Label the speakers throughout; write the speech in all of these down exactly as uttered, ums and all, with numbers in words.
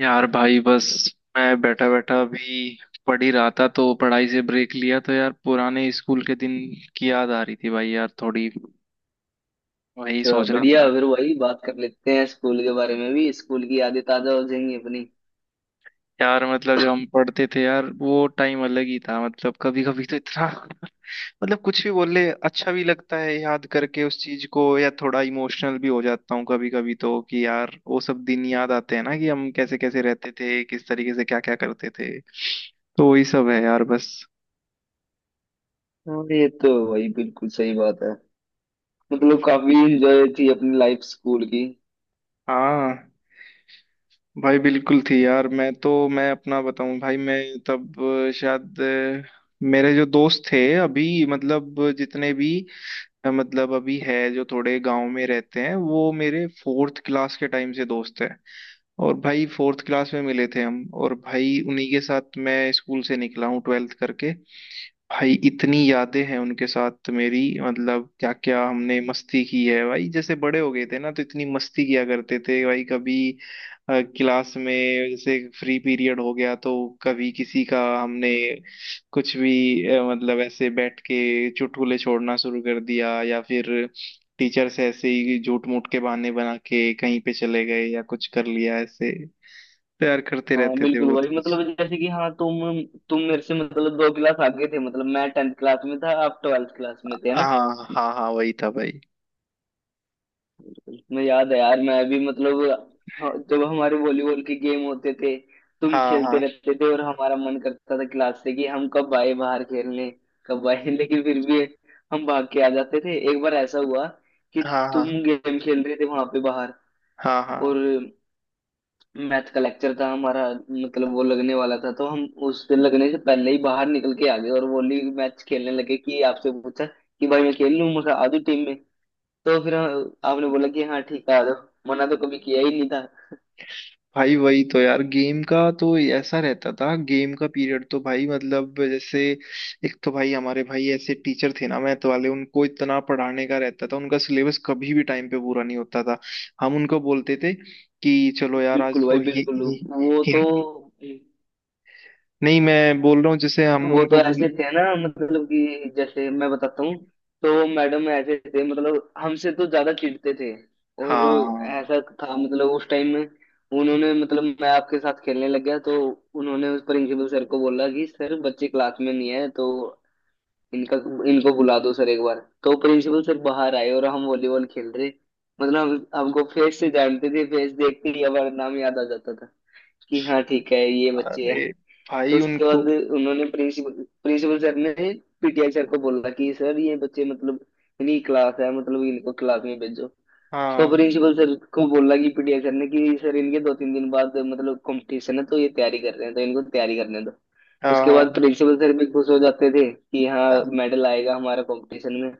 Speaker 1: यार भाई बस। मैं बैठा बैठा अभी पढ़ ही रहा था तो पढ़ाई से ब्रेक लिया। तो यार पुराने स्कूल के दिन की याद आ रही थी भाई, यार थोड़ी वही
Speaker 2: अच्छा,
Speaker 1: सोच रहा
Speaker 2: बढ़िया।
Speaker 1: था।
Speaker 2: फिर वही बात कर लेते हैं, स्कूल के बारे में भी। स्कूल की यादें ताजा हो जाएंगी अपनी।
Speaker 1: यार मतलब जब हम पढ़ते थे यार, वो टाइम अलग ही था। मतलब कभी कभी तो इतना मतलब कुछ भी बोल ले, अच्छा भी लगता है याद करके उस चीज को, या थोड़ा इमोशनल भी हो जाता हूँ कभी कभी तो। कि यार वो सब दिन याद आते हैं ना, कि हम कैसे कैसे रहते थे, किस तरीके से क्या क्या करते थे। तो वही सब है यार बस।
Speaker 2: हाँ, ये तो वही, बिल्कुल सही बात है। मतलब काफी इंजॉय थी अपनी लाइफ स्कूल की।
Speaker 1: हाँ भाई बिल्कुल थी यार, मैं तो मैं अपना बताऊं भाई। मैं तब अ, शायद अ, मेरे जो दोस्त थे अभी, मतलब जितने भी अ, मतलब अभी है जो थोड़े गांव में रहते हैं, वो मेरे फोर्थ क्लास के टाइम से दोस्त हैं। और भाई फोर्थ क्लास में मिले थे हम, और भाई उन्हीं के साथ मैं स्कूल से निकला हूँ ट्वेल्थ करके। भाई इतनी यादें हैं उनके साथ मेरी, मतलब क्या क्या हमने मस्ती की है भाई। जैसे बड़े हो गए थे ना तो इतनी मस्ती किया करते थे भाई। कभी अ, क्लास में जैसे फ्री पीरियड हो गया, तो कभी किसी का हमने कुछ भी अ, मतलब ऐसे बैठ के चुटकुले छोड़ना शुरू कर दिया, या फिर टीचर से ऐसे ही झूठ मूठ के बहाने बना के कहीं पे चले गए या कुछ कर लिया ऐसे। तैयार करते
Speaker 2: हाँ,
Speaker 1: रहते थे
Speaker 2: बिल्कुल
Speaker 1: बहुत
Speaker 2: वही।
Speaker 1: कुछ।
Speaker 2: मतलब जैसे कि हाँ, तुम तुम मेरे से मतलब दो क्लास आगे थे। मतलब मैं टेंथ क्लास में था, आप ट्वेल्थ क्लास में थे, है ना।
Speaker 1: हाँ हाँ हाँ, वही था भाई।
Speaker 2: मैं, याद है यार, मैं अभी मतलब हाँ, जब हमारे वॉलीबॉल के गेम होते थे, तुम
Speaker 1: हाँ
Speaker 2: खेलते
Speaker 1: हाँ
Speaker 2: रहते थे और हमारा मन करता था क्लास से कि हम कब आए बाहर खेलने, कब आए। लेकिन फिर भी हम भाग के आ जाते थे। एक बार ऐसा हुआ कि
Speaker 1: हाँ।
Speaker 2: तुम
Speaker 1: हाँ
Speaker 2: गेम खेल रहे थे वहां पे बाहर,
Speaker 1: हाँ हाँ।
Speaker 2: और मैथ का लेक्चर था हमारा। मतलब वो लगने वाला था तो हम उसके लगने से पहले ही बाहर निकल के आ गए और वॉली मैच खेलने लगे। कि आपसे पूछा कि भाई मैं खेल लूँ, मुझे आधी टीम में। तो फिर हम- आपने बोला कि हाँ ठीक है आ जाओ, मना तो कभी किया ही नहीं था।
Speaker 1: भाई वही तो यार, गेम का तो ऐसा रहता था। गेम का पीरियड तो भाई मतलब, जैसे एक तो भाई हमारे भाई ऐसे टीचर थे ना मैथ वाले, उनको इतना पढ़ाने का रहता था, उनका सिलेबस कभी भी टाइम पे पूरा नहीं होता था। हम उनको बोलते थे कि चलो यार
Speaker 2: बिल्कुल
Speaker 1: आज तो
Speaker 2: भाई,
Speaker 1: हि,
Speaker 2: बिल्कुल।
Speaker 1: हि,
Speaker 2: वो तो
Speaker 1: हि, नहीं, मैं बोल रहा हूँ जैसे हम
Speaker 2: वो तो
Speaker 1: उनको बोल।
Speaker 2: ऐसे थे ना। मतलब कि जैसे मैं बताता हूँ, तो मैडम ऐसे थे, मतलब हमसे तो ज्यादा चिढ़ते थे। और
Speaker 1: हाँ,
Speaker 2: ऐसा था मतलब उस टाइम में। उन्होंने, मतलब मैं आपके साथ खेलने लग गया तो उन्होंने उस प्रिंसिपल सर को बोला कि सर बच्चे क्लास में नहीं है, तो इनका, इनको बुला दो सर एक बार। तो प्रिंसिपल सर बाहर आए और हम वॉलीबॉल खेल रहे। मतलब हम, हमको फेस से जानते थे, फेस देखते ही हमारा नाम याद आ जाता था कि हाँ ठीक है, ये बच्चे हैं।
Speaker 1: अरे
Speaker 2: तो
Speaker 1: भाई
Speaker 2: उसके बाद
Speaker 1: उनको।
Speaker 2: उन्होंने प्रिंसिपल प्रिंसिपल सर ने पीटीआई सर को बोला कि सर ये बच्चे, मतलब इनकी क्लास है, मतलब इनको क्लास में भेजो। तो
Speaker 1: हाँ
Speaker 2: प्रिंसिपल सर को बोला कि पीटीआई सर ने, कि सर इनके दो तीन दिन बाद मतलब कंपटीशन है, तो ये तैयारी कर रहे हैं, तो इनको तैयारी करने दो।
Speaker 1: हाँ
Speaker 2: उसके बाद
Speaker 1: हाँ
Speaker 2: प्रिंसिपल सर भी खुश हो जाते थे कि हाँ, मेडल आएगा हमारा कंपटीशन में।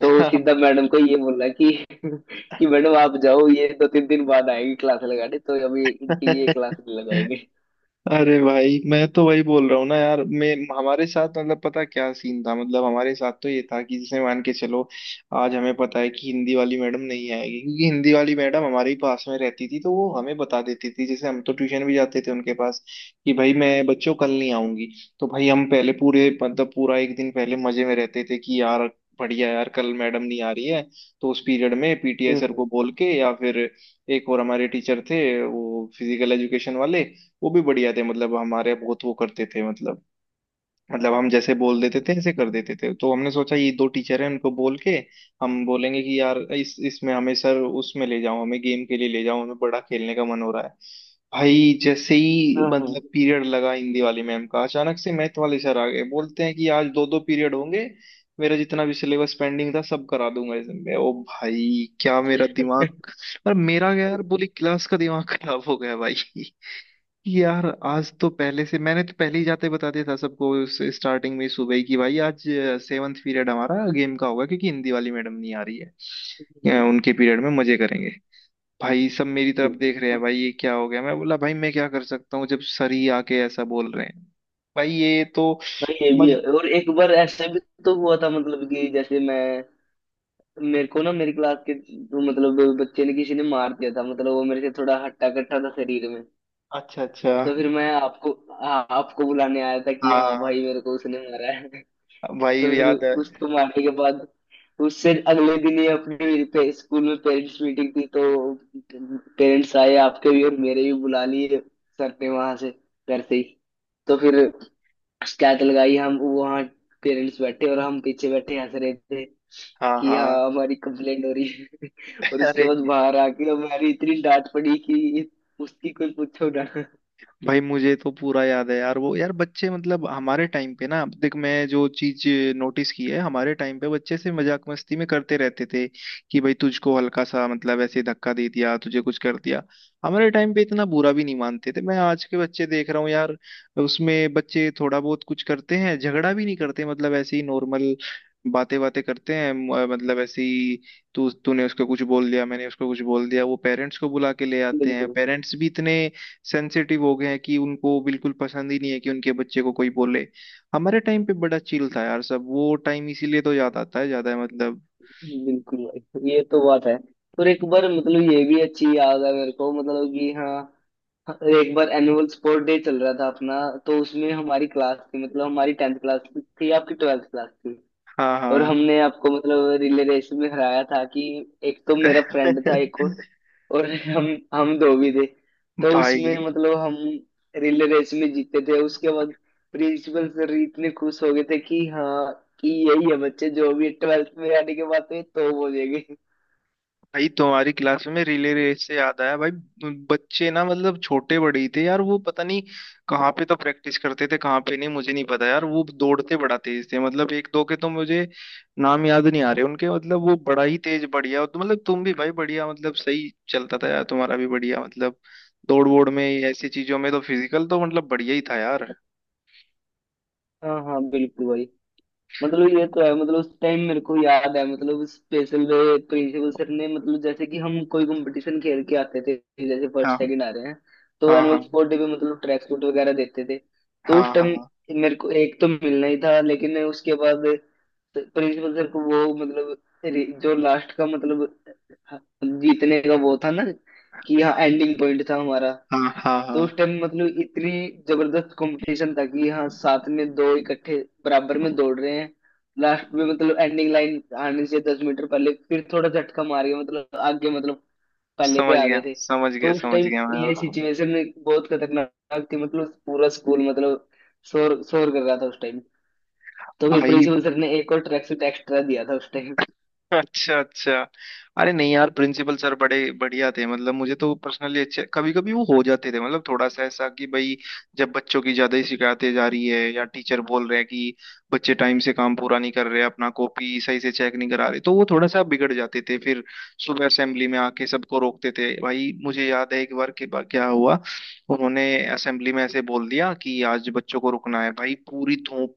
Speaker 2: तो
Speaker 1: हाँ।
Speaker 2: सीधा मैडम को ये बोला कि कि मैडम आप जाओ, ये दो तीन दिन बाद आएगी क्लास लगाने, तो अभी इनकी ये क्लास लगाएंगे।
Speaker 1: अरे भाई मैं तो वही बोल रहा हूँ ना यार। मैं हमारे साथ मतलब, पता क्या सीन था। मतलब हमारे साथ तो ये था कि जैसे मान के चलो, आज हमें पता है कि हिंदी वाली मैडम नहीं आएगी, क्योंकि हिंदी वाली मैडम हमारे ही पास में रहती थी तो वो हमें बता देती थी, जैसे हम तो ट्यूशन भी जाते थे उनके पास, कि भाई मैं बच्चों कल नहीं आऊंगी। तो भाई हम पहले पूरे मतलब पूरा एक दिन पहले मजे में रहते थे कि यार बढ़िया यार, कल मैडम नहीं आ रही है। तो उस पीरियड में पी टी आई सर
Speaker 2: हम्म,
Speaker 1: को बोल के, या फिर एक और हमारे टीचर थे वो फिजिकल एजुकेशन वाले, वो भी बढ़िया थे। मतलब हमारे बहुत वो करते थे, मतलब मतलब हम जैसे बोल देते थे ऐसे कर देते थे। तो हमने सोचा ये दो टीचर हैं, उनको बोल के हम बोलेंगे कि यार इस इसमें हमें सर, उसमें ले जाओ, हमें गेम के लिए ले जाओ, हमें बड़ा खेलने का मन हो रहा है। भाई जैसे ही
Speaker 2: हम्म, हम्म,
Speaker 1: मतलब पीरियड लगा हिंदी वाली मैम का, अचानक से मैथ वाले सर आ गए, बोलते हैं कि आज दो दो पीरियड होंगे, मेरा जितना भी सिलेबस पेंडिंग था सब करा दूंगा इसमें। ओ भाई क्या मेरा दिमाग, और मेरा क्या, यार पूरी क्लास का दिमाग खराब हो गया भाई। यार आज तो पहले से, मैंने तो पहले ही जाते बता दिया था सबको उस स्टार्टिंग में सुबह ही कि भाई आज सेवन्थ पीरियड हमारा गेम का होगा क्योंकि हिंदी वाली मैडम नहीं आ रही है, अ, उनके पीरियड में मजे करेंगे। भाई सब मेरी
Speaker 2: हम्म।
Speaker 1: तरफ देख रहे हैं, भाई ये क्या हो गया। मैं बोला भाई मैं क्या कर सकता हूँ जब सर ही आके ऐसा बोल रहे हैं। भाई ये तो
Speaker 2: हाँ, ये भी है।
Speaker 1: मज...
Speaker 2: और एक बार ऐसा भी तो हुआ था। मतलब कि जैसे मैं, मेरे को ना मेरी क्लास के, तो मतलब बच्चे ने, किसी ने मार दिया था, मतलब वो मेरे से थोड़ा हट्टा कट्टा था शरीर में।
Speaker 1: अच्छा अच्छा।
Speaker 2: तो फिर मैं आपको, हाँ आपको बुलाने आया था कि हाँ
Speaker 1: हाँ
Speaker 2: भाई, मेरे को उसने मारा है।
Speaker 1: भाई
Speaker 2: तो फिर
Speaker 1: याद है।
Speaker 2: उसको मारने के बाद, उससे अगले दिन ही अपने पे, स्कूल में पेरेंट्स मीटिंग थी। तो पेरेंट्स आए, आपके भी और मेरे भी बुला लिए सर ने, वहां से, घर से ही। तो फिर शिकायत लगाई हम वहाँ, पेरेंट्स बैठे और हम पीछे बैठे हंस रहे थे
Speaker 1: हाँ
Speaker 2: कि
Speaker 1: हाँ।
Speaker 2: हाँ, हमारी कंप्लेंट हो रही है। और उसके
Speaker 1: अरे
Speaker 2: बाद बाहर आके हमारी इतनी डांट पड़ी कि उसकी कोई पूछो ना।
Speaker 1: भाई मुझे तो पूरा याद है यार वो। यार बच्चे मतलब हमारे टाइम पे ना, देख मैं जो चीज नोटिस की है हमारे टाइम पे, बच्चे से मजाक मस्ती में करते रहते थे कि भाई तुझको हल्का सा मतलब ऐसे धक्का दे दिया, तुझे कुछ कर दिया, हमारे टाइम पे इतना बुरा भी नहीं मानते थे। मैं आज के बच्चे देख रहा हूँ यार, उसमें बच्चे थोड़ा बहुत कुछ करते हैं, झगड़ा भी नहीं करते, मतलब ऐसे ही नॉर्मल बातें बातें करते हैं, म- मतलब ऐसे ही, तू तूने उसको कुछ बोल दिया, मैंने उसको कुछ बोल दिया, वो पेरेंट्स को बुला के ले आते हैं।
Speaker 2: बिल्कुल,
Speaker 1: पेरेंट्स भी इतने सेंसिटिव हो गए हैं कि उनको बिल्कुल पसंद ही नहीं है कि उनके बच्चे को कोई बोले। हमारे टाइम पे बड़ा चिल था यार सब, वो टाइम इसीलिए तो याद आता है ज्यादा मतलब।
Speaker 2: बिल्कुल भाई ये तो बात है। और एक बार, मतलब ये भी अच्छी याद है मेरे को, मतलब कि हाँ, एक बार एनुअल स्पोर्ट डे चल रहा था अपना, तो उसमें हमारी क्लास थी मतलब, हमारी टेंथ क्लास थी, आपकी ट्वेल्थ क्लास थी।
Speaker 1: हाँ
Speaker 2: और
Speaker 1: हाँ।
Speaker 2: हमने आपको मतलब रिले रेस में हराया था। कि एक तो मेरा फ्रेंड था एक और और हम हम दो भी थे, तो
Speaker 1: भाई,
Speaker 2: उसमें मतलब हम रिले रेस में जीते थे। उसके बाद प्रिंसिपल सर इतने खुश हो गए थे कि हाँ, कि यही है बच्चे जो भी ट्वेल्थ में आने के बाद, तो ये तो बोलेंगे।
Speaker 1: भाई तुम्हारी क्लास में रिले रेस से याद आया भाई। बच्चे ना मतलब छोटे बड़े ही थे यार, वो पता नहीं कहाँ पे तो प्रैक्टिस करते थे कहाँ पे नहीं, मुझे नहीं पता यार। वो दौड़ते बड़ा तेज थे, मतलब एक दो के तो मुझे नाम याद नहीं आ रहे उनके। मतलब वो बड़ा ही तेज बढ़िया, तो मतलब तुम भी भाई बढ़िया, मतलब सही चलता था यार तुम्हारा भी बढ़िया मतलब, दौड़ वोड़ में, ऐसी चीजों में तो फिजिकल तो मतलब बढ़िया ही था यार।
Speaker 2: हाँ हाँ, बिल्कुल भाई। मतलब ये तो है, मतलब उस टाइम मेरे को याद है मतलब, स्पेशल वे प्रिंसिपल सर ने मतलब जैसे कि हम कोई कंपटीशन खेल के आते थे, जैसे फर्स्ट
Speaker 1: हाँ
Speaker 2: सेकंड आ रहे हैं, तो
Speaker 1: हाँ
Speaker 2: एनुअल
Speaker 1: हाँ
Speaker 2: स्पोर्ट डे पे मतलब ट्रैक सूट वगैरह देते थे। तो उस
Speaker 1: हाँ,
Speaker 2: टाइम
Speaker 1: हाँ
Speaker 2: मेरे को एक तो मिलना ही था, लेकिन उसके बाद प्रिंसिपल सर को वो मतलब रि- जो लास्ट का मतलब, हाँ, जीतने का वो था ना, कि हाँ एंडिंग पॉइंट था हमारा।
Speaker 1: हाँ हाँ हाँ।
Speaker 2: तो उस टाइम मतलब इतनी जबरदस्त कंपटीशन था कि हाँ, साथ में दो इकट्ठे, बराबर में दौड़ रहे हैं। लास्ट में मतलब एंडिंग लाइन आने से दस मीटर पहले, फिर थोड़ा झटका मार के मतलब आगे मतलब, पहले पे
Speaker 1: समझ
Speaker 2: आ
Speaker 1: गया
Speaker 2: गए थे।
Speaker 1: समझ गया
Speaker 2: तो उस
Speaker 1: समझ
Speaker 2: टाइम
Speaker 1: गया मैं।
Speaker 2: ये सिचुएशन बहुत खतरनाक थी, मतलब पूरा स्कूल मतलब शोर शोर कर रहा था उस टाइम। तो फिर
Speaker 1: भाई
Speaker 2: प्रिंसिपल सर ने एक और ट्रैक सूट एक्स्ट्रा दिया था उस टाइम।
Speaker 1: अच्छा अच्छा। अरे नहीं यार प्रिंसिपल सर बड़े बढ़िया थे, मतलब मुझे तो पर्सनली अच्छे। कभी कभी वो हो जाते थे मतलब थोड़ा सा ऐसा कि भाई, जब बच्चों की ज्यादा ही शिकायतें जा रही है या टीचर बोल रहे हैं कि बच्चे टाइम से काम पूरा नहीं कर रहे, अपना कॉपी सही से चेक नहीं करा रहे, तो वो थोड़ा सा बिगड़ जाते थे। फिर सुबह असेंबली में आके सबको रोकते थे। भाई मुझे याद है एक बार के बा- क्या हुआ, उन्होंने असेंबली में ऐसे बोल दिया कि आज बच्चों को रुकना है। भाई पूरी धूप,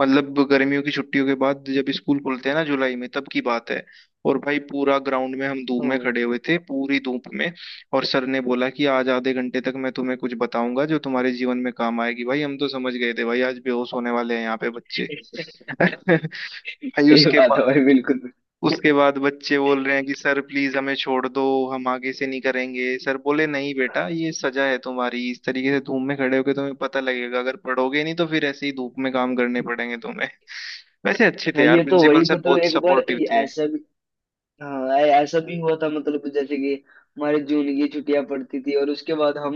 Speaker 1: मतलब गर्मियों की छुट्टियों के बाद जब स्कूल खुलते हैं ना जुलाई में, तब की बात है। और भाई पूरा ग्राउंड में हम धूप
Speaker 2: ओ।
Speaker 1: में खड़े हुए थे, पूरी धूप में। और सर ने बोला कि आज आधे घंटे तक मैं तुम्हें कुछ बताऊंगा जो तुम्हारे जीवन में काम आएगी। भाई हम तो समझ गए थे भाई आज बेहोश होने वाले हैं यहाँ पे बच्चे। भाई,
Speaker 2: भाई सही
Speaker 1: उसके
Speaker 2: बात है
Speaker 1: बाद,
Speaker 2: भाई, बिल्कुल।
Speaker 1: उसके बाद बच्चे बोल रहे हैं कि सर प्लीज हमें छोड़ दो, हम आगे से नहीं करेंगे। सर बोले नहीं बेटा ये सजा है तुम्हारी, इस तरीके से धूप में खड़े होके तुम्हें पता लगेगा, अगर पढ़ोगे नहीं तो फिर ऐसे ही धूप में काम करने पड़ेंगे तुम्हें। वैसे अच्छे थे
Speaker 2: हाँ
Speaker 1: यार
Speaker 2: ये तो
Speaker 1: प्रिंसिपल
Speaker 2: वही,
Speaker 1: सर,
Speaker 2: मतलब
Speaker 1: बहुत
Speaker 2: एक बार
Speaker 1: सपोर्टिव
Speaker 2: ये
Speaker 1: थे।
Speaker 2: ऐसा भी, हाँ ऐ- ऐसा भी हुआ था। मतलब जैसे कि हमारे जून की छुट्टियां पड़ती थी, और उसके बाद हम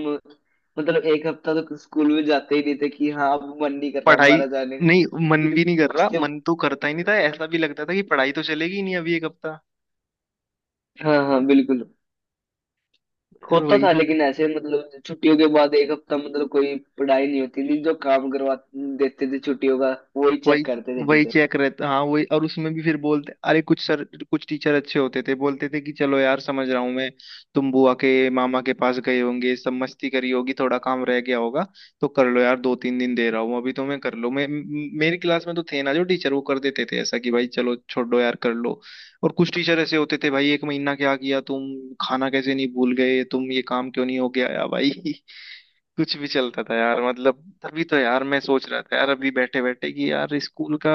Speaker 2: मतलब एक हफ्ता तो स्कूल में जाते ही नहीं थे कि हाँ, अब मन नहीं कर रहा
Speaker 1: पढ़ाई
Speaker 2: हमारा जाने का।
Speaker 1: नहीं, मन
Speaker 2: लेकिन
Speaker 1: भी नहीं कर रहा,
Speaker 2: उसके,
Speaker 1: मन तो करता ही नहीं था। ऐसा भी लगता था कि पढ़ाई तो चलेगी ही नहीं अभी एक हफ्ता।
Speaker 2: हाँ हाँ बिल्कुल,
Speaker 1: यार
Speaker 2: होता
Speaker 1: वही,
Speaker 2: था। लेकिन ऐसे मतलब छुट्टियों के बाद एक हफ्ता मतलब कोई पढ़ाई नहीं होती थी, जो काम करवा देते थे छुट्टियों का, वही
Speaker 1: वही
Speaker 2: चेक करते थे।
Speaker 1: वही चेक रहता। हाँ वही, और उसमें भी फिर बोलते अरे कुछ सर, कुछ टीचर अच्छे होते थे बोलते थे कि चलो यार समझ रहा हूँ मैं, तुम बुआ के मामा के पास गए होंगे, सब मस्ती करी होगी, थोड़ा काम रह गया होगा, तो कर लो यार, दो तीन दिन दे रहा हूँ अभी तुम्हें, कर लो। मैं म- मेरी क्लास में तो थे ना जो टीचर, वो कर देते थे ऐसा कि भाई चलो छोड़ो यार कर लो। और कुछ टीचर ऐसे होते थे भाई, एक महीना क्या किया तुम, खाना कैसे नहीं भूल गए तुम, ये काम क्यों नहीं हो गया, या भाई कुछ भी चलता था यार। मतलब तभी तो यार मैं सोच रहा था यार अभी बैठे बैठे कि यार स्कूल का,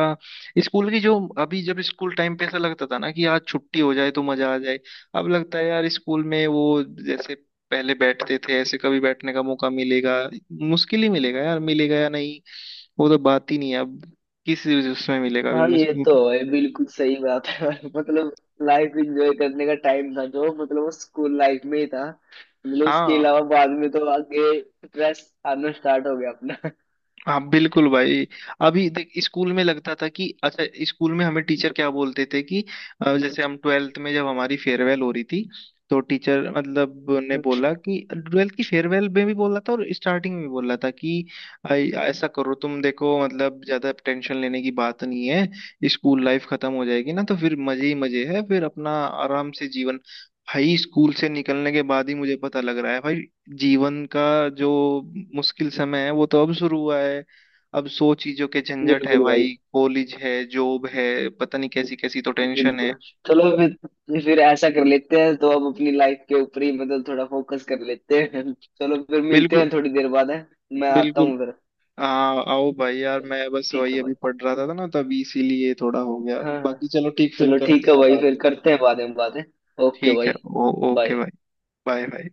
Speaker 1: स्कूल की जो, अभी जब स्कूल टाइम पे ऐसा लगता था ना कि आज छुट्टी हो जाए तो मजा आ जाए, अब लगता है यार स्कूल में वो जैसे पहले बैठते थे, ऐसे कभी बैठने का मौका मिलेगा? मुश्किल ही मिलेगा यार, मिलेगा या नहीं। वो तो बात ही नहीं है अब, किस उसमें मिलेगा अभी
Speaker 2: हाँ, ये
Speaker 1: मुझे।
Speaker 2: तो है, बिल्कुल सही बात है। मतलब लाइफ एंजॉय करने का टाइम था जो, मतलब वो स्कूल लाइफ में ही था। मतलब उसके
Speaker 1: हाँ
Speaker 2: अलावा बाद में तो आगे स्ट्रेस आना स्टार्ट हो गया अपना।
Speaker 1: हाँ बिल्कुल भाई। अभी देख स्कूल में लगता था कि अच्छा, स्कूल में हमें टीचर क्या बोलते थे कि अ, जैसे हम ट्वेल्थ में जब हमारी फेयरवेल हो रही थी तो टीचर मतलब ने बोला कि ट्वेल्थ की फेयरवेल में भी बोला था, और स्टार्टिंग में भी बोला था कि अ, ऐसा करो तुम देखो मतलब, ज्यादा टेंशन लेने की बात नहीं है, स्कूल लाइफ खत्म हो जाएगी ना तो फिर मजे ही मजे है, फिर अपना आराम से जीवन। भाई स्कूल से निकलने के बाद ही मुझे पता लग रहा है भाई, जीवन का जो मुश्किल समय है वो तो अब शुरू हुआ है। अब सौ चीजों के झंझट है
Speaker 2: बिल्कुल भाई,
Speaker 1: भाई, कॉलेज है, जॉब है, पता नहीं कैसी कैसी तो टेंशन है।
Speaker 2: बिल्कुल। चलो फिर फिर ऐसा कर लेते हैं तो अब अपनी लाइफ के ऊपर ही मतलब थोड़ा फोकस कर लेते हैं। चलो फिर मिलते
Speaker 1: बिल्कुल,
Speaker 2: हैं थोड़ी देर बाद है। मैं आता
Speaker 1: बिल्कुल।
Speaker 2: हूँ फिर।
Speaker 1: हाँ आओ भाई, यार
Speaker 2: चलो,
Speaker 1: मैं बस
Speaker 2: ठीक
Speaker 1: वही
Speaker 2: है
Speaker 1: अभी
Speaker 2: भाई।
Speaker 1: पढ़ रहा था ना, तभी इसीलिए थोड़ा हो गया।
Speaker 2: हाँ
Speaker 1: बाकी
Speaker 2: हाँ।
Speaker 1: चलो ठीक, फिर
Speaker 2: चलो ठीक
Speaker 1: करते
Speaker 2: है
Speaker 1: हैं
Speaker 2: भाई,
Speaker 1: बात।
Speaker 2: फिर करते हैं बाद में बातें। ओके
Speaker 1: ठीक है,
Speaker 2: भाई,
Speaker 1: ओ, ओके
Speaker 2: बाय।
Speaker 1: भाई। Bye bye.